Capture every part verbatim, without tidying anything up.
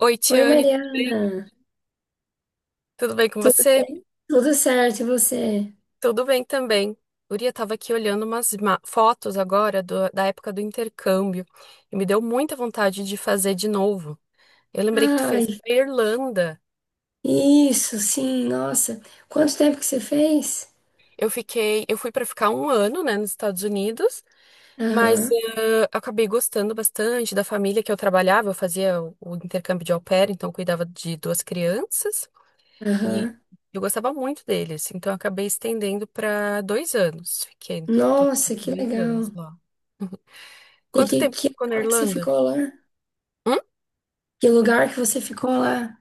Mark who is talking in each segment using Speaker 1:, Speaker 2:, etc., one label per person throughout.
Speaker 1: Oi,
Speaker 2: Oi,
Speaker 1: Tiane, tudo
Speaker 2: Mariana.
Speaker 1: bem? Tudo bem com
Speaker 2: Tudo
Speaker 1: você?
Speaker 2: bem? Tudo certo, e você?
Speaker 1: Tudo bem também. Guria, estava aqui olhando umas ma- fotos agora do- da época do intercâmbio e me deu muita vontade de fazer de novo. Eu lembrei que tu fez
Speaker 2: Ai,
Speaker 1: pra Irlanda.
Speaker 2: isso, sim, nossa. Quanto tempo que você fez?
Speaker 1: Eu fiquei, eu fui para ficar um ano, né, nos Estados Unidos, mas
Speaker 2: Aham,
Speaker 1: eh, acabei gostando bastante da família que eu trabalhava. Eu fazia o, o intercâmbio de au pair, então eu cuidava de duas crianças. E
Speaker 2: aham.
Speaker 1: eu gostava muito deles então eu acabei estendendo para dois anos. Fiquei no total
Speaker 2: Nossa, que
Speaker 1: dois anos
Speaker 2: legal.
Speaker 1: lá.
Speaker 2: E
Speaker 1: Quanto
Speaker 2: que,
Speaker 1: tempo que
Speaker 2: que
Speaker 1: ficou na
Speaker 2: lugar que você
Speaker 1: Irlanda?
Speaker 2: ficou lá?
Speaker 1: Hum?
Speaker 2: Que lugar que você ficou lá?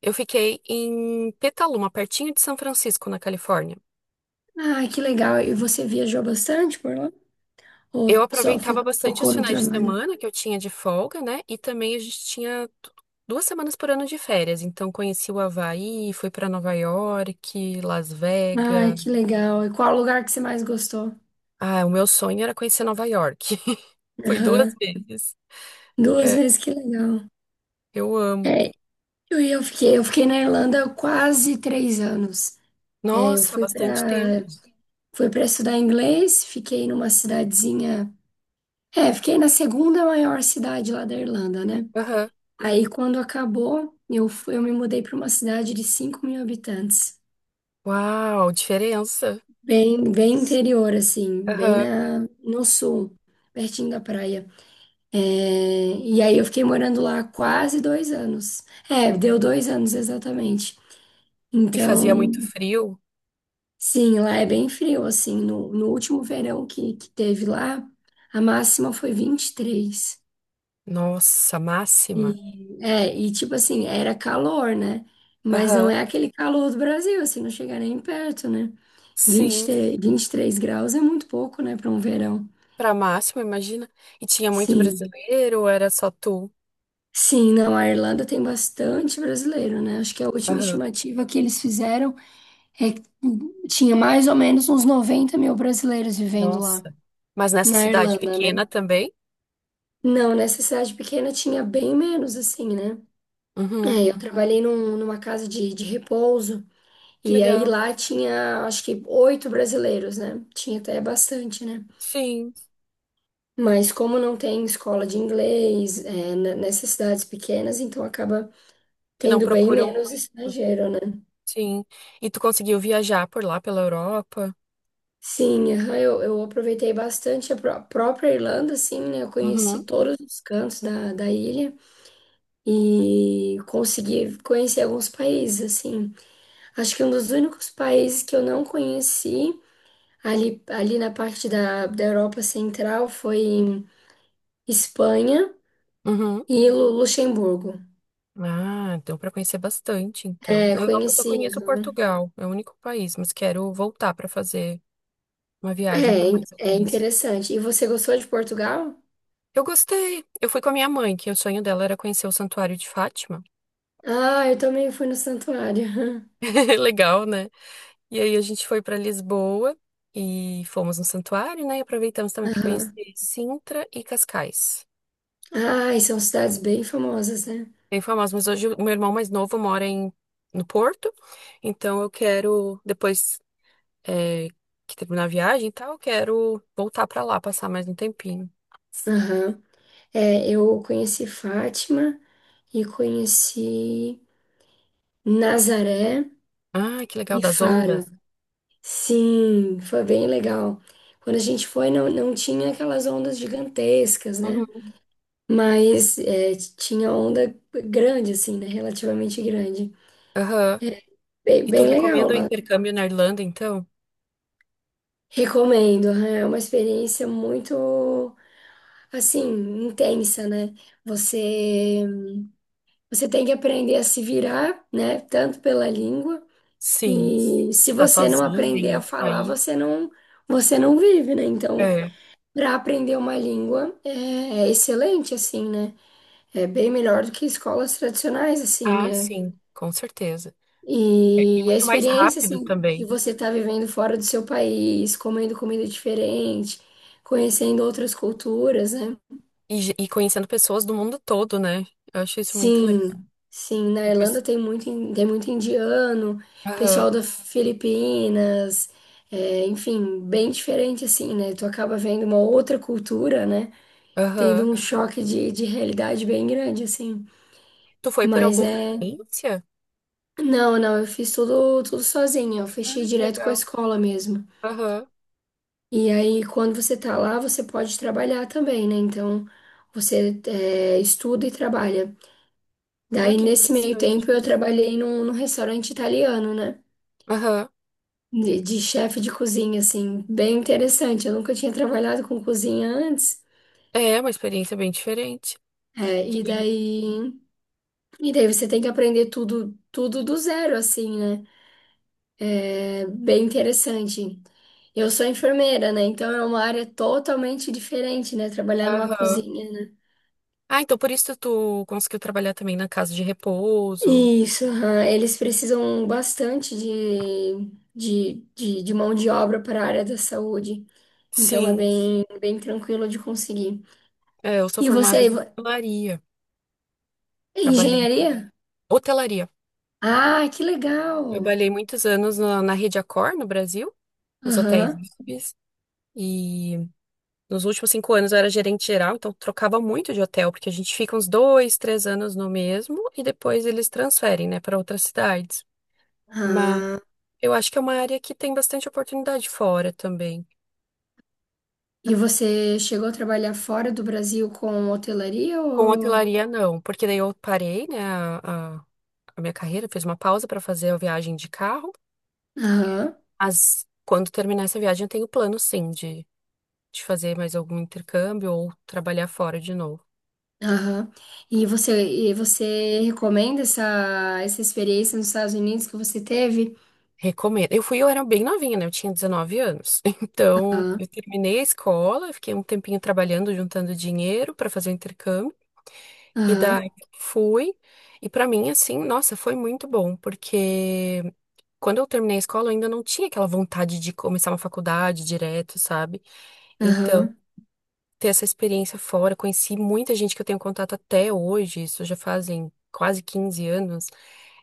Speaker 1: Eu fiquei em Petaluma, pertinho de São Francisco, na Califórnia.
Speaker 2: Ai, que legal. E você viajou bastante por lá? Ou
Speaker 1: Eu
Speaker 2: só
Speaker 1: aproveitava
Speaker 2: fo-
Speaker 1: bastante os
Speaker 2: focou no
Speaker 1: finais de
Speaker 2: trabalho?
Speaker 1: semana que eu tinha de folga, né? E também a gente tinha du- duas semanas por ano de férias. Então conheci o Havaí, fui para Nova York, Las
Speaker 2: Ai,
Speaker 1: Vegas.
Speaker 2: que legal. E qual lugar que você mais gostou?
Speaker 1: Ah, o meu sonho era conhecer Nova York. Fui duas
Speaker 2: Aham.
Speaker 1: vezes.
Speaker 2: Duas
Speaker 1: É,
Speaker 2: vezes, que legal.
Speaker 1: eu amo.
Speaker 2: É, Eu, eu fiquei, eu fiquei na Irlanda quase três anos. É, eu
Speaker 1: Nossa,
Speaker 2: fui
Speaker 1: bastante
Speaker 2: para
Speaker 1: tempo.
Speaker 2: fui para estudar inglês, fiquei numa cidadezinha. É, fiquei na segunda maior cidade lá da Irlanda, né?
Speaker 1: Aham.
Speaker 2: Aí quando acabou, eu fui, eu me mudei para uma cidade de cinco mil habitantes,
Speaker 1: Uau, diferença.
Speaker 2: bem, bem interior, assim, bem
Speaker 1: Aham.
Speaker 2: na, no sul, pertinho da praia. É, e aí eu fiquei morando lá quase dois anos. É, deu dois anos exatamente.
Speaker 1: E fazia
Speaker 2: Então.
Speaker 1: muito frio.
Speaker 2: Sim, lá é bem frio, assim, no, no último verão que, que teve lá, a máxima foi vinte e três.
Speaker 1: Nossa, máxima.
Speaker 2: e é, e tipo assim, era calor, né? Mas não
Speaker 1: Aham.
Speaker 2: é aquele calor do Brasil, assim, não chega nem perto, né? vinte e
Speaker 1: Sim,
Speaker 2: três, vinte e três graus é muito pouco, né, para um verão.
Speaker 1: pra máxima, imagina. E tinha muito
Speaker 2: Sim.
Speaker 1: brasileiro, ou era só tu?
Speaker 2: Sim, não, a Irlanda tem bastante brasileiro, né? Acho que a última
Speaker 1: Aham.
Speaker 2: estimativa que eles fizeram é que tinha mais ou menos uns noventa mil brasileiros vivendo lá,
Speaker 1: Nossa. Mas nessa
Speaker 2: na
Speaker 1: cidade
Speaker 2: Irlanda, né?
Speaker 1: pequena também?
Speaker 2: Não, nessa cidade pequena tinha bem menos, assim, né?
Speaker 1: Uhum.
Speaker 2: É, eu trabalhei num- numa casa de, de repouso,
Speaker 1: Que
Speaker 2: e aí
Speaker 1: legal.
Speaker 2: lá tinha, acho que, oito brasileiros, né? Tinha até bastante, né?
Speaker 1: Sim,
Speaker 2: Mas como não tem escola de inglês, é, n- nessas cidades pequenas, então acaba
Speaker 1: que não
Speaker 2: tendo bem
Speaker 1: procuram
Speaker 2: menos
Speaker 1: muito.
Speaker 2: estrangeiro, né?
Speaker 1: Sim. E tu conseguiu viajar por lá pela Europa?
Speaker 2: Sim, aham, eu, eu aproveitei bastante a pró- própria Irlanda, assim, né? Eu conheci
Speaker 1: Uhum.
Speaker 2: todos os cantos da, da ilha e consegui conhecer alguns países, assim. Acho que um dos únicos países que eu não conheci ali, ali na parte da, da Europa Central foi Espanha
Speaker 1: Uhum.
Speaker 2: e Lu- Luxemburgo.
Speaker 1: Ah, então para conhecer bastante, então.
Speaker 2: É,
Speaker 1: Na Europa eu só
Speaker 2: conheci.
Speaker 1: conheço Portugal, é o único país, mas quero voltar para fazer uma viagem
Speaker 2: É,
Speaker 1: por
Speaker 2: in-
Speaker 1: mais
Speaker 2: é
Speaker 1: países.
Speaker 2: interessante. E você gostou de Portugal?
Speaker 1: Eu gostei. Eu fui com a minha mãe, que o sonho dela era conhecer o Santuário de Fátima.
Speaker 2: Ah, eu também fui no santuário.
Speaker 1: Legal, né? E aí a gente foi para Lisboa e fomos no santuário, né? E aproveitamos também para conhecer
Speaker 2: Aham.
Speaker 1: Sintra e Cascais.
Speaker 2: Ah, e são cidades bem famosas, né?
Speaker 1: Bem famosos, mas hoje o meu irmão mais novo mora em no Porto, então eu quero depois é, que teve na viagem e tal, quero voltar pra lá, passar mais um tempinho.
Speaker 2: Aham. É, eu conheci Fátima e conheci Nazaré
Speaker 1: Ah, que legal,
Speaker 2: e
Speaker 1: das
Speaker 2: Faro.
Speaker 1: ondas.
Speaker 2: Sim, foi bem legal. Quando a gente foi, não, não tinha aquelas ondas gigantescas, né?
Speaker 1: Uhum.
Speaker 2: Mas é, tinha onda grande, assim, né? Relativamente grande.
Speaker 1: Aham.
Speaker 2: Bem,
Speaker 1: E tu
Speaker 2: bem legal
Speaker 1: recomenda o
Speaker 2: lá.
Speaker 1: intercâmbio na Irlanda, então?
Speaker 2: Recomendo, é uma experiência muito, assim, intensa, né? Você, você tem que aprender a se virar, né? Tanto pela língua,
Speaker 1: Sim.
Speaker 2: e se
Speaker 1: Tá
Speaker 2: você não
Speaker 1: sozinha
Speaker 2: aprender
Speaker 1: em
Speaker 2: a
Speaker 1: outro
Speaker 2: falar,
Speaker 1: país?
Speaker 2: você não, você não vive, né? Então.
Speaker 1: É.
Speaker 2: Para aprender uma língua é, é excelente, assim, né? É bem melhor do que escolas tradicionais, assim,
Speaker 1: Ah,
Speaker 2: né?
Speaker 1: sim, com certeza. É, E
Speaker 2: E, e a
Speaker 1: muito mais
Speaker 2: experiência,
Speaker 1: rápido
Speaker 2: assim, de
Speaker 1: também.
Speaker 2: você estar vivendo fora do seu país, comendo comida diferente, conhecendo outras culturas, né?
Speaker 1: E, ge- e conhecendo pessoas do mundo todo, né? Eu acho isso muito legal.
Speaker 2: Sim, sim, na Irlanda
Speaker 1: Depois.
Speaker 2: tem muito, in- tem muito indiano,
Speaker 1: Aham,
Speaker 2: pessoal da Filipinas, é, enfim, bem diferente, assim, né? Tu acaba vendo uma outra cultura, né?
Speaker 1: aham.
Speaker 2: Tendo um choque de, de realidade bem grande, assim.
Speaker 1: Tu foi por
Speaker 2: Mas
Speaker 1: alguma
Speaker 2: é.
Speaker 1: experiência?
Speaker 2: Não, não, eu fiz tudo, tudo sozinha. Eu
Speaker 1: Ah,
Speaker 2: fechei
Speaker 1: que
Speaker 2: direto com a
Speaker 1: legal.
Speaker 2: escola mesmo.
Speaker 1: Aham.
Speaker 2: E aí, quando você tá lá, você pode trabalhar também, né? Então, você é, estuda e trabalha.
Speaker 1: Ah,
Speaker 2: Daí,
Speaker 1: que
Speaker 2: nesse meio
Speaker 1: interessante.
Speaker 2: tempo, eu trabalhei num, num restaurante italiano, né?
Speaker 1: Aham.
Speaker 2: De, de chefe de cozinha, assim. Bem interessante. Eu nunca tinha trabalhado com cozinha antes.
Speaker 1: É uma experiência bem diferente.
Speaker 2: É, e
Speaker 1: Que-
Speaker 2: daí. E daí, você tem que aprender tudo, tudo do zero, assim, né? É bem interessante. Eu sou enfermeira, né? Então é uma área totalmente diferente, né? Trabalhar numa
Speaker 1: Aham.
Speaker 2: cozinha, né?
Speaker 1: Ah, então por isso tu conseguiu trabalhar também na casa de repouso.
Speaker 2: Isso, aham. Eles precisam bastante de, de, de, de mão de obra para a área da saúde. Então é
Speaker 1: Sim,
Speaker 2: bem, bem tranquilo de conseguir.
Speaker 1: é, eu sou
Speaker 2: E
Speaker 1: formada
Speaker 2: você,
Speaker 1: em
Speaker 2: vo-
Speaker 1: hotelaria. Trabalhei.
Speaker 2: engenharia?
Speaker 1: Hotelaria.
Speaker 2: Ah, que legal!
Speaker 1: Trabalhei muitos anos na, na Rede Accor, no Brasil, nos hotéis
Speaker 2: Aham.
Speaker 1: V I Ps. E nos últimos cinco anos eu era gerente geral, então trocava muito de hotel, porque a gente fica uns dois, três anos no mesmo e depois eles transferem, né, para outras cidades. Mas
Speaker 2: Ah.
Speaker 1: eu acho que é uma área que tem bastante oportunidade fora também.
Speaker 2: E você chegou a trabalhar fora do Brasil com hotelaria
Speaker 1: Com
Speaker 2: ou...
Speaker 1: hotelaria, não, porque daí eu parei, né, a, a- a minha carreira, fiz uma pausa para fazer a viagem de carro.
Speaker 2: Aham.
Speaker 1: Mas quando terminar essa viagem, eu tenho plano, sim, de, de fazer mais algum intercâmbio ou trabalhar fora de novo.
Speaker 2: Aham. E você, e você recomenda essa, essa experiência nos Estados Unidos que você teve?
Speaker 1: Recomendo. Eu fui, eu era bem novinha, né? Eu tinha dezenove anos. Então,
Speaker 2: Aham,
Speaker 1: eu terminei a escola, eu fiquei um tempinho trabalhando, juntando dinheiro para fazer o intercâmbio. E
Speaker 2: aham,
Speaker 1: daí eu fui. E para mim, assim, nossa, foi muito bom, porque quando eu terminei a escola, eu ainda não tinha aquela vontade de começar uma faculdade direto, sabe? Então,
Speaker 2: aham.
Speaker 1: ter essa experiência fora, conheci muita gente que eu tenho contato até hoje, isso já fazem quase quinze anos.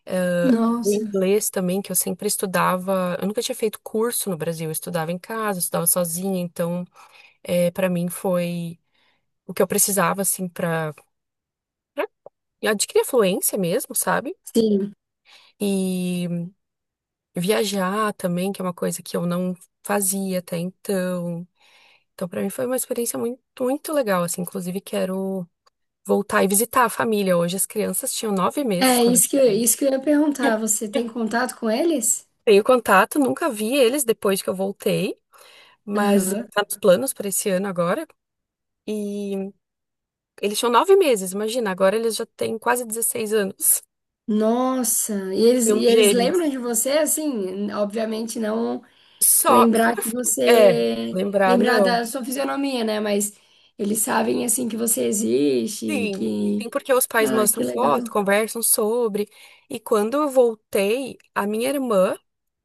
Speaker 1: Eh, O
Speaker 2: Nossa,
Speaker 1: inglês também, que eu sempre estudava, eu nunca tinha feito curso no Brasil, eu estudava em casa, eu estudava sozinha, então, é, para mim foi o que eu precisava, assim, para adquirir a fluência mesmo, sabe?
Speaker 2: sim.
Speaker 1: E viajar também, que é uma coisa que eu não fazia até então. Então, para mim foi uma experiência muito, muito legal, assim. Inclusive, quero voltar e visitar a família hoje. As crianças tinham nove meses
Speaker 2: É
Speaker 1: quando eu
Speaker 2: isso que, eu-
Speaker 1: cheguei.
Speaker 2: isso que eu ia perguntar. Você tem contato com eles?
Speaker 1: Tenho contato, nunca vi eles depois que eu voltei, mas
Speaker 2: Aham.
Speaker 1: tá nos planos para esse ano agora. E eles tinham nove meses, imagina, agora eles já têm quase dezesseis anos.
Speaker 2: Nossa, e eles,
Speaker 1: São
Speaker 2: e eles lembram
Speaker 1: gêmeos.
Speaker 2: de você, assim, obviamente não
Speaker 1: Só
Speaker 2: lembrar
Speaker 1: por.
Speaker 2: que
Speaker 1: É,
Speaker 2: você,
Speaker 1: lembrar,
Speaker 2: lembrar
Speaker 1: não.
Speaker 2: da sua fisionomia, né? Mas eles sabem, assim, que você existe,
Speaker 1: Sim,
Speaker 2: que...
Speaker 1: sim, porque os pais
Speaker 2: Ah, que
Speaker 1: mostram
Speaker 2: legal.
Speaker 1: foto, conversam sobre. E quando eu voltei, a minha irmã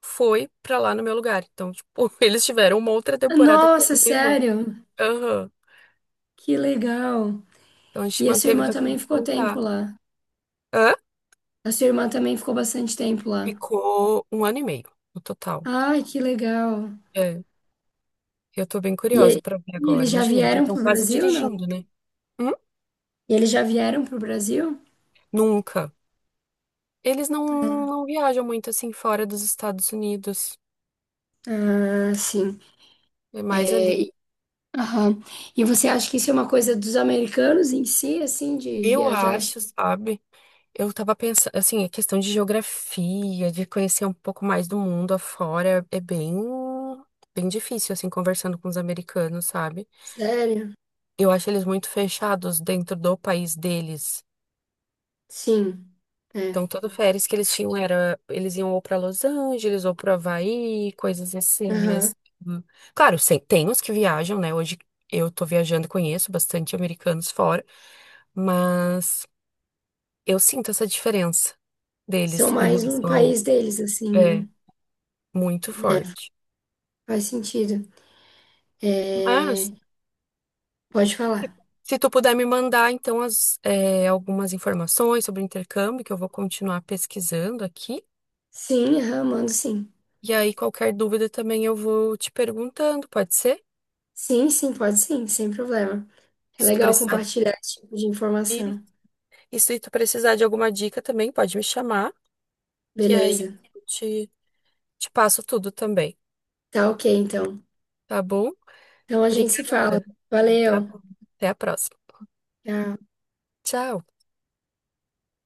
Speaker 1: foi pra lá no meu lugar. Então, tipo, eles tiveram uma outra temporada com a
Speaker 2: Nossa,
Speaker 1: minha irmã.
Speaker 2: sério?
Speaker 1: Aham.
Speaker 2: Que legal.
Speaker 1: Então a gente
Speaker 2: E a sua
Speaker 1: manteve
Speaker 2: irmã também
Speaker 1: bastante
Speaker 2: ficou tempo
Speaker 1: contato.
Speaker 2: lá.
Speaker 1: Hã?
Speaker 2: A sua irmã também ficou bastante tempo lá.
Speaker 1: Ficou um ano e meio no total.
Speaker 2: Ai, que legal.
Speaker 1: É, eu tô bem
Speaker 2: E,
Speaker 1: curiosa pra ver
Speaker 2: e
Speaker 1: agora.
Speaker 2: eles já
Speaker 1: Imagina, eles
Speaker 2: vieram
Speaker 1: estão
Speaker 2: pro
Speaker 1: quase
Speaker 2: Brasil, não?
Speaker 1: dirigindo, né? Hum?
Speaker 2: E eles já vieram pro Brasil?
Speaker 1: Nunca. Eles não,
Speaker 2: Ah,
Speaker 1: não viajam muito assim fora dos Estados Unidos.
Speaker 2: ah, sim.
Speaker 1: É mais ali.
Speaker 2: É, e, aham. E você acha que isso é uma coisa dos americanos em si, assim, de
Speaker 1: Eu
Speaker 2: viajar?
Speaker 1: acho, sabe? Eu tava pensando, assim, a questão de geografia, de conhecer um pouco mais do mundo afora, é bem, bem difícil, assim, conversando com os americanos, sabe?
Speaker 2: Sério?
Speaker 1: Eu acho eles muito fechados dentro do país deles.
Speaker 2: Sim. É.
Speaker 1: Então, todo férias que eles tinham era, eles iam ou pra Los Angeles ou pro Havaí, coisas assim,
Speaker 2: Aham.
Speaker 1: mas... hum, claro, sem- tem uns que viajam, né? Hoje eu tô viajando e conheço bastante americanos fora, mas eu sinto essa diferença deles
Speaker 2: São
Speaker 1: em
Speaker 2: mais um
Speaker 1: relação ao...
Speaker 2: país deles, assim,
Speaker 1: É,
Speaker 2: né?
Speaker 1: muito
Speaker 2: É,
Speaker 1: forte.
Speaker 2: faz sentido. É,
Speaker 1: Mas,
Speaker 2: pode falar.
Speaker 1: se tu puder me mandar, então, as, eh, algumas informações sobre o intercâmbio, que eu vou continuar pesquisando aqui.
Speaker 2: Sim, aham, mando sim.
Speaker 1: E aí, qualquer dúvida também eu vou te perguntando, pode ser?
Speaker 2: Sim, sim, pode sim, sem problema. É
Speaker 1: Se tu
Speaker 2: legal
Speaker 1: precisar,
Speaker 2: compartilhar esse tipo de
Speaker 1: e,
Speaker 2: informação.
Speaker 1: e se tu precisar de alguma dica também, pode me chamar, que aí
Speaker 2: Beleza.
Speaker 1: eu te, te passo tudo também,
Speaker 2: Tá ok, então.
Speaker 1: tá bom?
Speaker 2: Então a gente se fala.
Speaker 1: Obrigada. Tá
Speaker 2: Valeu.
Speaker 1: bom. Até a próxima.
Speaker 2: Tchau.
Speaker 1: Tchau.